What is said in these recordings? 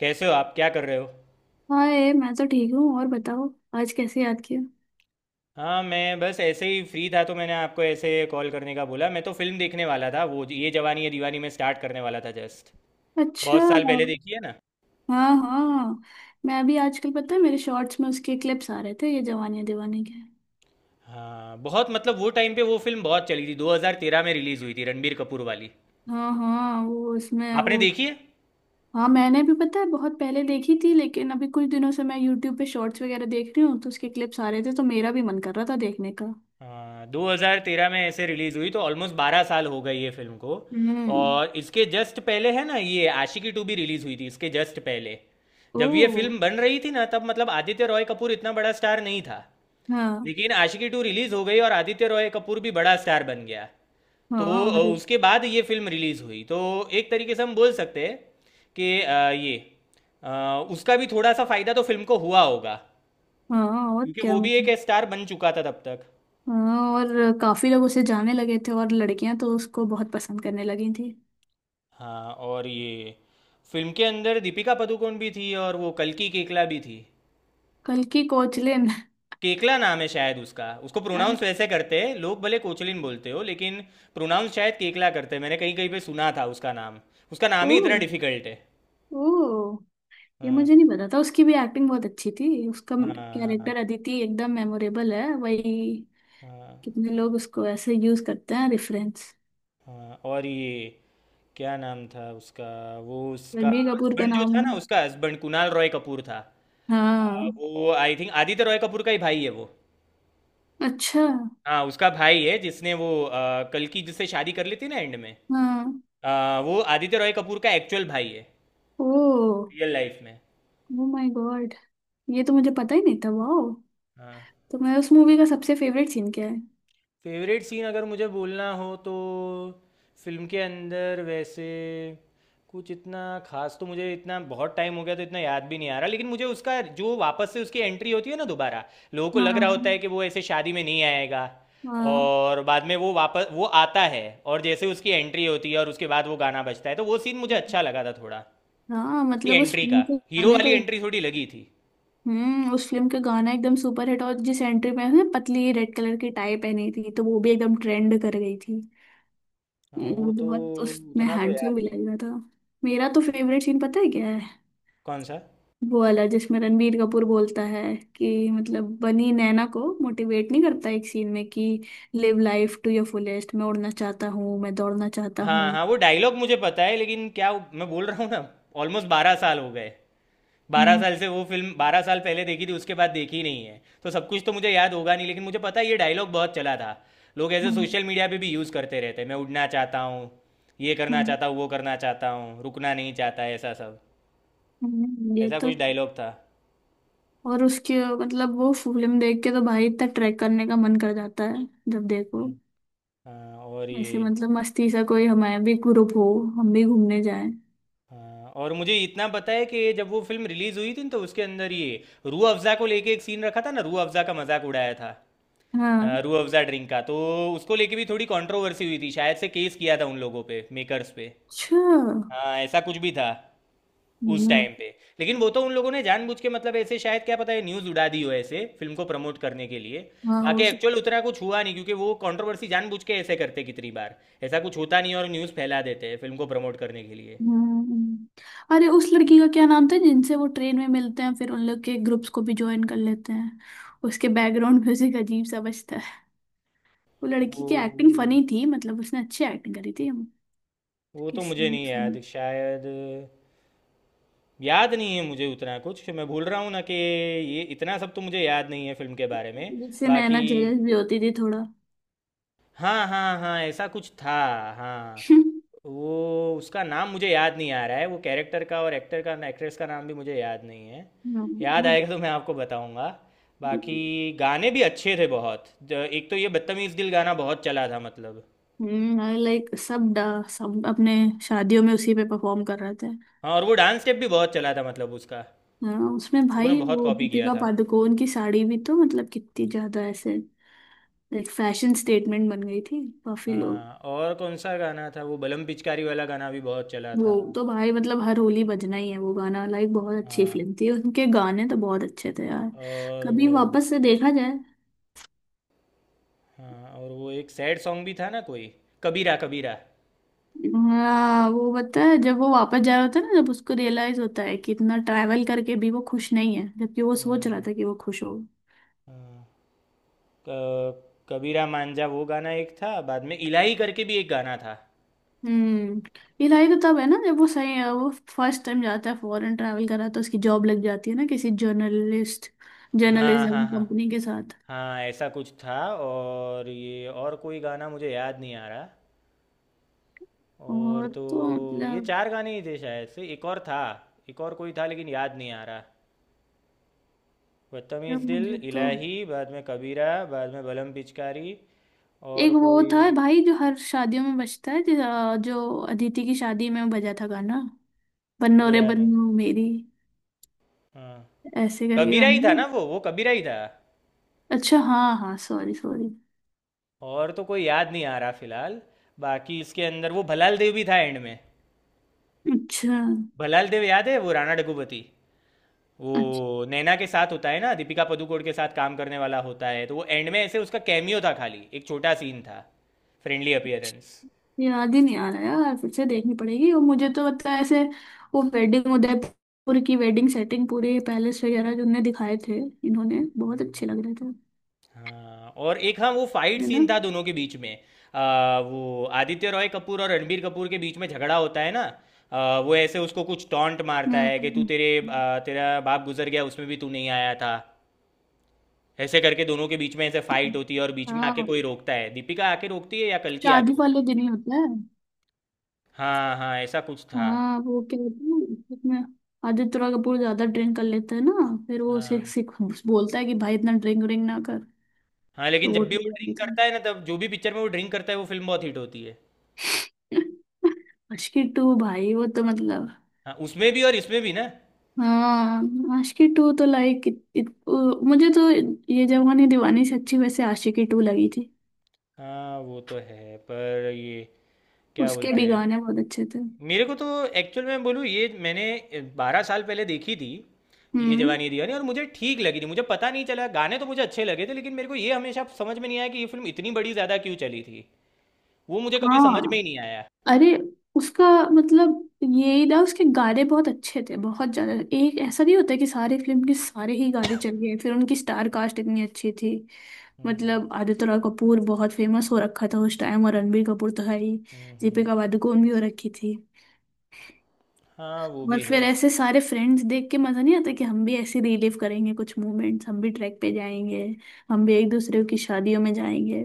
कैसे हो आप? क्या कर रहे हो? हाय, मैं तो ठीक हूँ। और बताओ, आज कैसे याद किया। हाँ, मैं बस ऐसे ही फ्री था तो मैंने आपको ऐसे कॉल करने का बोला। मैं तो फिल्म देखने वाला था। वो ये जवानी है दीवानी में स्टार्ट करने वाला था जस्ट। अच्छा। बहुत साल पहले देखी है ना। हाँ हाँ। मैं अभी आजकल, पता है, मेरे शॉर्ट्स में उसके क्लिप्स आ रहे थे, ये जवानी दीवानी के। हाँ, बहुत मतलब वो टाइम पे वो फिल्म बहुत चली थी। 2013 में रिलीज़ हुई थी, रणबीर कपूर वाली। हाँ हाँ। वो उसमें आपने वो देखी है? हाँ, मैंने भी, पता है, बहुत पहले देखी थी, लेकिन अभी कुछ दिनों से मैं यूट्यूब पे शॉर्ट्स वगैरह देख रही हूँ तो उसके क्लिप्स आ रहे थे, तो मेरा भी मन कर रहा था देखने का। हाँ, 2013 में ऐसे रिलीज़ हुई तो ऑलमोस्ट 12 साल हो गए ये फिल्म को। हम्म। और इसके जस्ट पहले है ना ये आशिकी टू भी रिलीज़ हुई थी इसके जस्ट पहले। ओ। जब ये फिल्म बन रही थी ना तब मतलब आदित्य रॉय कपूर इतना बड़ा स्टार नहीं था। हाँ लेकिन आशिकी टू रिलीज हो गई और आदित्य रॉय कपूर भी बड़ा स्टार बन गया। तो हाँ। अरे, उसके बाद ये फिल्म रिलीज हुई तो एक तरीके से हम बोल सकते हैं कि ये उसका भी थोड़ा सा फायदा तो फिल्म को हुआ होगा। हाँ। और क्योंकि क्या वो भी एक मतलब। स्टार बन चुका था तब तक। हाँ, और काफी लोग उसे जाने लगे थे और लड़कियां तो उसको बहुत पसंद करने लगी थी। हाँ, और ये फिल्म के अंदर दीपिका पादुकोण भी थी और वो कल्कि केकला भी थी। कल की कोचलिन। केकला नाम है शायद उसका। उसको प्रोनाउंस वैसे करते हैं लोग, भले कोचलिन बोलते हो लेकिन प्रोनाउंस शायद केकला करते हैं। मैंने कहीं कहीं पे सुना था उसका नाम। उसका नाम ओ। ही इतना डिफिकल्ट है। ओ। ये हाँ। मुझे नहीं पता था। उसकी भी एक्टिंग बहुत अच्छी थी। उसका हाँ। हाँ। कैरेक्टर अदिति एकदम मेमोरेबल है, वही। हाँ। कितने लोग उसको ऐसे यूज करते हैं रेफरेंस। हाँ, और ये क्या नाम था उसका? वो उसका रणबीर कपूर का हस्बैंड जो नाम। था ना, उसका हस्बैंड कुणाल रॉय कपूर था। हाँ। वो आई थिंक आदित्य रॉय कपूर का ही भाई है वो। अच्छा। हाँ, उसका भाई है जिसने वो कल की जिससे शादी कर ली थी ना एंड में। हाँ। वो आदित्य रॉय कपूर का एक्चुअल भाई है ओ रियल लाइफ में। ओ माय गॉड, ये तो मुझे पता ही नहीं था। वाओ। हाँ। तो मैं, उस मूवी का सबसे फेवरेट सीन क्या है। फेवरेट सीन अगर मुझे बोलना हो तो फिल्म के अंदर वैसे कुछ इतना खास तो मुझे, इतना बहुत टाइम हो गया तो इतना याद भी नहीं आ रहा। लेकिन मुझे उसका जो वापस से उसकी एंट्री होती है ना दोबारा, लोगों को लग रहा होता हाँ है कि वो ऐसे शादी में नहीं आएगा हाँ और बाद में वो वापस वो आता है। और जैसे उसकी एंट्री होती है और उसके बाद वो गाना बजता है तो वो सीन मुझे अच्छा लगा था थोड़ा। हाँ। उसकी मतलब उस, एंट्री का उनके हीरो गाने तो। वाली एंट्री थोड़ी लगी थी। हम्म। उस फिल्म का गाना एकदम सुपर हिट, और जिस एंट्री में उसने पतली रेड कलर की टाई पहनी थी, तो वो भी एकदम ट्रेंड कर गई थी। हाँ, वो वो तो बहुत उसमें उतना तो याद हैंडसम भी नहीं लग है। रहा था। मेरा तो फेवरेट सीन, पता है क्या है। कौन सा? वो वाला जिसमें रणबीर कपूर बोलता है कि, मतलब, बनी नैना को मोटिवेट नहीं करता एक सीन में कि live life to your fullest. मैं उड़ना चाहता हूँ, मैं दौड़ना चाहता हाँ हूँ। हाँ, वो डायलॉग मुझे पता है लेकिन क्या मैं बोल रहा हूँ ना, ऑलमोस्ट 12 साल हो गए। बारह हम्म। साल से वो फिल्म, 12 साल पहले देखी थी, उसके बाद देखी नहीं है तो सब कुछ तो मुझे याद होगा नहीं। लेकिन मुझे पता है ये डायलॉग बहुत चला था। लोग ऐसे हम्म। सोशल मीडिया पे भी यूज़ करते रहते हैं, मैं उड़ना चाहता हूँ, ये करना हम्म, चाहता हूँ, वो करना चाहता हूँ, रुकना नहीं चाहता, ऐसा सब। हम्म। ये ऐसा तो, कुछ डायलॉग था। और उसके, मतलब वो फिल्म देख के तो भाई इतना ट्रैक करने का मन कर जाता है जब देखो। हम्म। हाँ, और ऐसे, ये मतलब, मस्ती सा कोई हमारा भी ग्रुप हो, हम भी घूमने जाएं। हाँ, और मुझे इतना पता है कि जब वो फिल्म रिलीज़ हुई थी न, तो उसके अंदर ये रूह अफ़ज़ा को लेके एक सीन रखा था ना, रूह अफ़ज़ा का मजाक उड़ाया था। हाँ। रूह अफ़ज़ा ड्रिंक का तो उसको लेके भी थोड़ी कंट्रोवर्सी हुई थी, शायद से केस किया था उन लोगों पे, मेकर्स पे। अच्छा। हाँ, ऐसा कुछ भी था उस हम्म। टाइम पे। लेकिन वो तो उन लोगों ने जानबूझ के मतलब ऐसे शायद, क्या पता है, न्यूज़ उड़ा दी हो ऐसे फिल्म को प्रमोट करने के लिए। हाँ बाकी हो सक एक्चुअल उतना कुछ हुआ नहीं क्योंकि वो कंट्रोवर्सी जानबूझ के ऐसे करते कितनी बार ऐसा कुछ होता नहीं और न्यूज़ फैला देते हैं फिल्म को प्रमोट करने के लिए। हम्म। अरे, उस लड़की का क्या नाम था जिनसे वो ट्रेन में मिलते हैं, फिर उन लोग के ग्रुप्स को भी ज्वाइन कर लेते हैं। उसके बैकग्राउंड म्यूजिक अजीब सा बजता है। वो वो लड़की की एक्टिंग फनी थी, मतलब उसने अच्छी एक्टिंग करी थी। हम वो तो किसी मुझे ने नहीं सुनी। याद शायद। याद नहीं है मुझे उतना कुछ, मैं भूल रहा हूँ ना कि ये इतना सब तो मुझे याद नहीं है फिल्म के बारे में। जिससे नैना बाकी, जेलस भी होती थी थोड़ा। हाँ हाँ हाँ, ऐसा कुछ था। हाँ। वो उसका नाम मुझे याद नहीं आ रहा है, वो कैरेक्टर का, और एक्टर का एक्ट्रेस का नाम भी मुझे याद नहीं है। याद हम्म। आएगा तो मैं आपको बताऊंगा। वो, बाकी गाने भी अच्छे थे बहुत। एक तो ये बदतमीज़ दिल गाना बहुत चला था मतलब। हम्म, लाइक सब सब अपने शादियों में उसी पे परफॉर्म कर रहे थे। हाँ, और वो डांस स्टेप भी बहुत चला था मतलब उसका। हाँ, उसमें लोगों ने भाई बहुत वो कॉपी किया दीपिका था। पादुकोण की साड़ी भी तो, मतलब, कितनी ज्यादा ऐसे लाइक फैशन स्टेटमेंट बन गई थी, काफी लोग। हाँ, और कौन सा गाना था, वो बलम पिचकारी वाला गाना भी बहुत चला वो था। तो भाई मतलब हर होली बजना ही है वो गाना, लाइक बहुत अच्छी हाँ, फिल्म थी, उनके गाने तो बहुत अच्छे थे यार। और कभी वो वापस से देखा जाए। हाँ, और वो एक सैड सॉन्ग भी था ना कोई, कबीरा कबीरा। हाँ, वो पता है, जब वो वापस जा रहा होता है ना, जब उसको रियलाइज होता है कि इतना ट्रैवल करके भी वो खुश नहीं है, जबकि वो सोच रहा हाँ, था कि वो खुश हो। हाँ, क- कबीरा मांझा वो गाना एक था, बाद में इलाही करके भी एक गाना था। हम्म। ये लाई तो तब है ना, जब वो, सही है, वो फर्स्ट टाइम जाता है, फॉरेन ट्रैवल करा, तो उसकी जॉब लग जाती है ना किसी जर्नलिस्ट, हाँ जर्नलिज्म हाँ हाँ, कंपनी के साथ। हाँ ऐसा कुछ था। और ये और कोई गाना मुझे याद नहीं आ रहा। और और तो, तो ये मतलब, चार गाने ही थे शायद से, एक और था, एक और कोई था लेकिन याद नहीं आ रहा। यार बदतमीज दिल, मुझे तो, इलाही, बाद में कबीरा, बाद में बलम पिचकारी, एक और वो कोई था भाई जो हर शादियों में बजता है, जो जो अदिति की शादी में बजा था गाना, बन्नो वो रे याद नहीं। बन्नो मेरी, हाँ, ऐसे करके कबीरा ही गाना है था ना। ना वो कबीरा ही था। अच्छा हाँ हाँ, सॉरी सॉरी। और तो कोई याद नहीं आ रहा फिलहाल। बाकी इसके अंदर वो भलाल देव भी था एंड में। अच्छा। भलाल देव याद है, वो राणा डग्गुबाती। अच्छा। वो नैना के साथ होता है ना, दीपिका पादुकोण के साथ काम करने वाला होता है, तो वो एंड में ऐसे उसका कैमियो था खाली, एक छोटा सीन था। Friendly appearance. याद ही नहीं आ रहा यार, फिर से देखनी पड़ेगी, और मुझे तो पता है ऐसे, वो वेडिंग, उदयपुर की वेडिंग सेटिंग, पूरे पैलेस वगैरह जो उन्होंने दिखाए थे, इन्होंने बहुत अच्छे लग रहे थे। हाँ, और एक, हाँ वो फाइट है ना। सीन था दोनों के बीच में। वो आदित्य रॉय कपूर और रणबीर कपूर के बीच में झगड़ा होता है ना। वो ऐसे उसको कुछ टॉन्ट मारता है कि तू हम्म। तेरे तेरा बाप गुजर गया उसमें भी तू नहीं आया था। ऐसे करके दोनों के बीच में ऐसे फाइट होती है और बीच में आके हाँ, कोई रोकता है, दीपिका आके रोकती है या कल्कि आके शादी रोकती है। वाले दिन ही होता है। हाँ हाँ, ऐसा कुछ था। हाँ, वो क्या होता है ना, उसमें आदित्य रॉय कपूर ज्यादा ड्रिंक कर लेता है ना, फिर वो सिख हाँ। सिख बोलता है कि भाई इतना ड्रिंक ड्रिंक ना कर। हाँ तो लेकिन वो जब भी वो ड्रिंक करता है ना, तब जो भी पिक्चर में वो ड्रिंक करता है वो फिल्म बहुत हिट होती है। मुश्किल टू भाई वो तो मतलब। हाँ, उसमें भी और इसमें भी ना। हाँ, आशिकी टू तो लाइक, मुझे तो ये जवानी दीवानी से अच्छी वैसे आशिकी टू लगी थी। हाँ, वो तो है पर ये क्या उसके बोलते भी हैं, गाने बहुत अच्छे थे। मेरे को तो एक्चुअल में बोलूँ ये मैंने 12 साल पहले देखी थी ये हम्म। जवानी दीवानी और मुझे ठीक लगी थी। मुझे पता नहीं चला, गाने तो मुझे अच्छे लगे थे लेकिन मेरे को ये हमेशा समझ में नहीं आया कि ये फिल्म इतनी बड़ी ज़्यादा क्यों चली थी। वो मुझे कभी समझ में हाँ। ही नहीं आया। अरे, उसका, मतलब यही ना, उसके गाने बहुत अच्छे थे, बहुत ज्यादा, एक ऐसा नहीं होता कि सारी फिल्म के सारे ही गाने चल गए, फिर उनकी स्टार कास्ट इतनी अच्छी थी। हम्म। मतलब आदित्य रॉय कपूर बहुत फेमस हो रखा था उस टाइम, और रणबीर कपूर तो है ही, हम्म। हम्म। दीपिका पादुकोण भी हो रखी थी। हाँ, वो और भी फिर है। ऐसे सारे फ्रेंड्स देख के मजा नहीं आता, कि हम भी ऐसे रिलीव करेंगे कुछ मोमेंट्स, हम भी ट्रैक पे जाएंगे, हम भी एक दूसरे की शादियों में जाएंगे,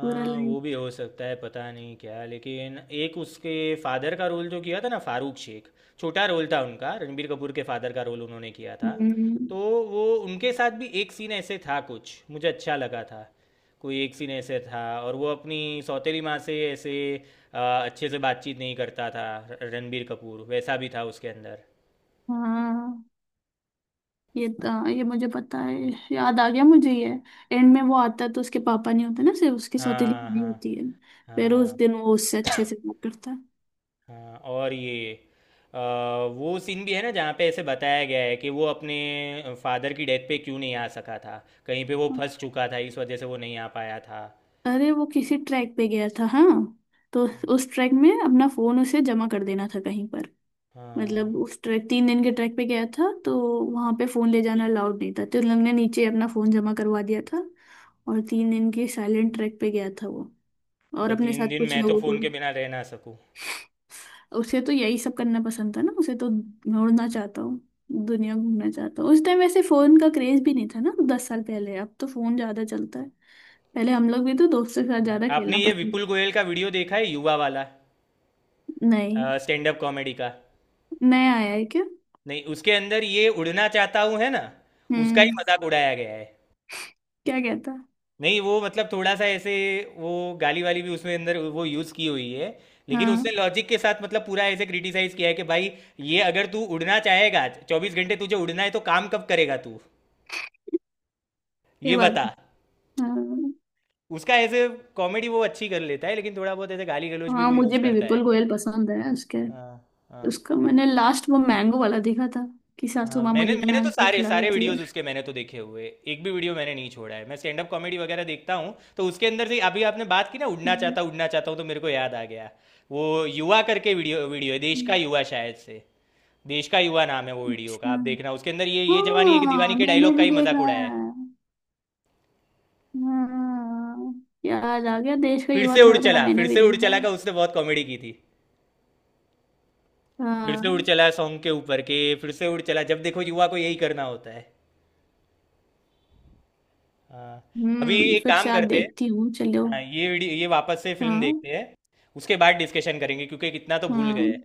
पूरा वो भी लाइक। हो सकता है, पता नहीं क्या, लेकिन एक उसके फादर का रोल जो किया था ना फारूक शेख, छोटा रोल था उनका, रणबीर कपूर के फादर का रोल उन्होंने किया था। हम्म। तो वो उनके साथ भी एक सीन ऐसे था कुछ मुझे अच्छा लगा था। कोई एक सीन ऐसे था और वो अपनी सौतेली माँ से ऐसे अच्छे से बातचीत नहीं करता था। रणबीर कपूर वैसा भी था उसके अंदर। हाँ, ये तो, ये मुझे पता है, याद आ गया मुझे ये, एंड में वो आता है तो उसके पापा नहीं होते ना, सिर्फ उसकी सौतेली हाँ भाभी हाँ। होती है, फिर उस हाँ। दिन वो उससे अच्छे से बात करता है। हाँ, और ये वो सीन भी है ना जहाँ पे ऐसे बताया गया है कि वो अपने फादर की डेथ पे क्यों नहीं आ सका था। कहीं पे वो फंस चुका था, इस वजह से वो नहीं आ पाया था। अरे, वो किसी ट्रैक पे गया था हाँ, तो उस ट्रैक में अपना फोन उसे जमा कर देना था कहीं पर, हाँ। मतलब उस ट्रैक, 3 दिन के ट्रैक पे गया था, तो वहां पे फोन ले जाना अलाउड नहीं था, तो उन लोग ने नीचे अपना फोन जमा करवा दिया था, और 3 दिन के साइलेंट ट्रैक पे गया था वो, और भाई अपने तीन साथ दिन कुछ मैं तो लोगों को फ़ोन के भी। बिना रह ना सकूँ। उसे तो यही सब करना पसंद था ना, उसे तो, मैं उड़ना चाहता हूँ, दुनिया घूमना चाहता हूँ। उस टाइम वैसे फोन का क्रेज भी नहीं था ना, 10 साल पहले, अब तो फोन ज्यादा चलता है, पहले हम लोग भी तो दोस्तों के साथ हाँ, ज्यादा आपने खेलना ये पसंद। विपुल गोयल का वीडियो देखा है, युवा वाला, नहीं। स्टैंड अप कॉमेडी का? नया आया है क्या। नहीं, उसके अंदर ये उड़ना चाहता हूँ है ना, उसका ही हम्म। मजाक उड़ाया गया है। क्या कहता। नहीं, वो मतलब थोड़ा सा ऐसे वो गाली वाली भी उसमें अंदर वो यूज़ की हुई है लेकिन हाँ उसने लॉजिक के साथ मतलब पूरा ऐसे क्रिटिसाइज किया है कि भाई ये अगर तू उड़ना चाहेगा 24 घंटे, तुझे उड़ना है तो काम कब करेगा तू, ये ये बात। बता। हाँ। उसका ऐसे कॉमेडी वो अच्छी कर लेता है लेकिन थोड़ा बहुत ऐसे गाली गलौज भी हाँ, वो मुझे यूज़ भी करता विपुल है। गोयल पसंद है, उसके, हाँ। हाँ। उसका मैंने लास्ट वो मैंगो वाला देखा था, कि सासू हाँ, माँ मैंने मुझे मैंने तो मैंगो सारे खिला सारे देती है। वीडियोस उसके मैंने तो देखे हुए, एक भी वीडियो मैंने नहीं छोड़ा है। मैं स्टैंड अप कॉमेडी वगैरह देखता हूँ तो उसके अंदर से, अभी आपने बात की ना हम्म। उड़ना चाहता हूँ, तो मेरे को याद आ गया। वो युवा करके वीडियो वीडियो है, देश का हम्म। युवा शायद से। देश का युवा नाम है वो वीडियो का, अच्छा, आप देखना, उसके अंदर ये जवानी है कि दीवानी हाँ के मैंने डायलॉग का भी ही मजाक देखा उड़ाया है। है। हाँ, याद आ गया, देश का फिर युवा से उड़ थोड़ा थोड़ा चला, फिर मैंने भी से उड़ देखा चला है। का उसने बहुत कॉमेडी की थी, फिर से उड़ हाँ। चला सॉन्ग के ऊपर के, फिर से उड़ चला, जब देखो युवा को यही करना होता है। हाँ, अभी हम्म, एक फिर काम से आज करते हैं। देखती हूँ, चलो। हाँ, ये वीडियो, ये वापस से फिल्म हाँ। देखते हैं, उसके बाद डिस्कशन करेंगे क्योंकि कितना तो भूल गए हाँ। हैं।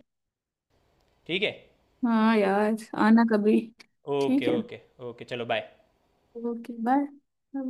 ठीक है। हाँ यार, आना कभी। ओके ठीक है। ओके। ओके, चलो बाय। Okay, bye.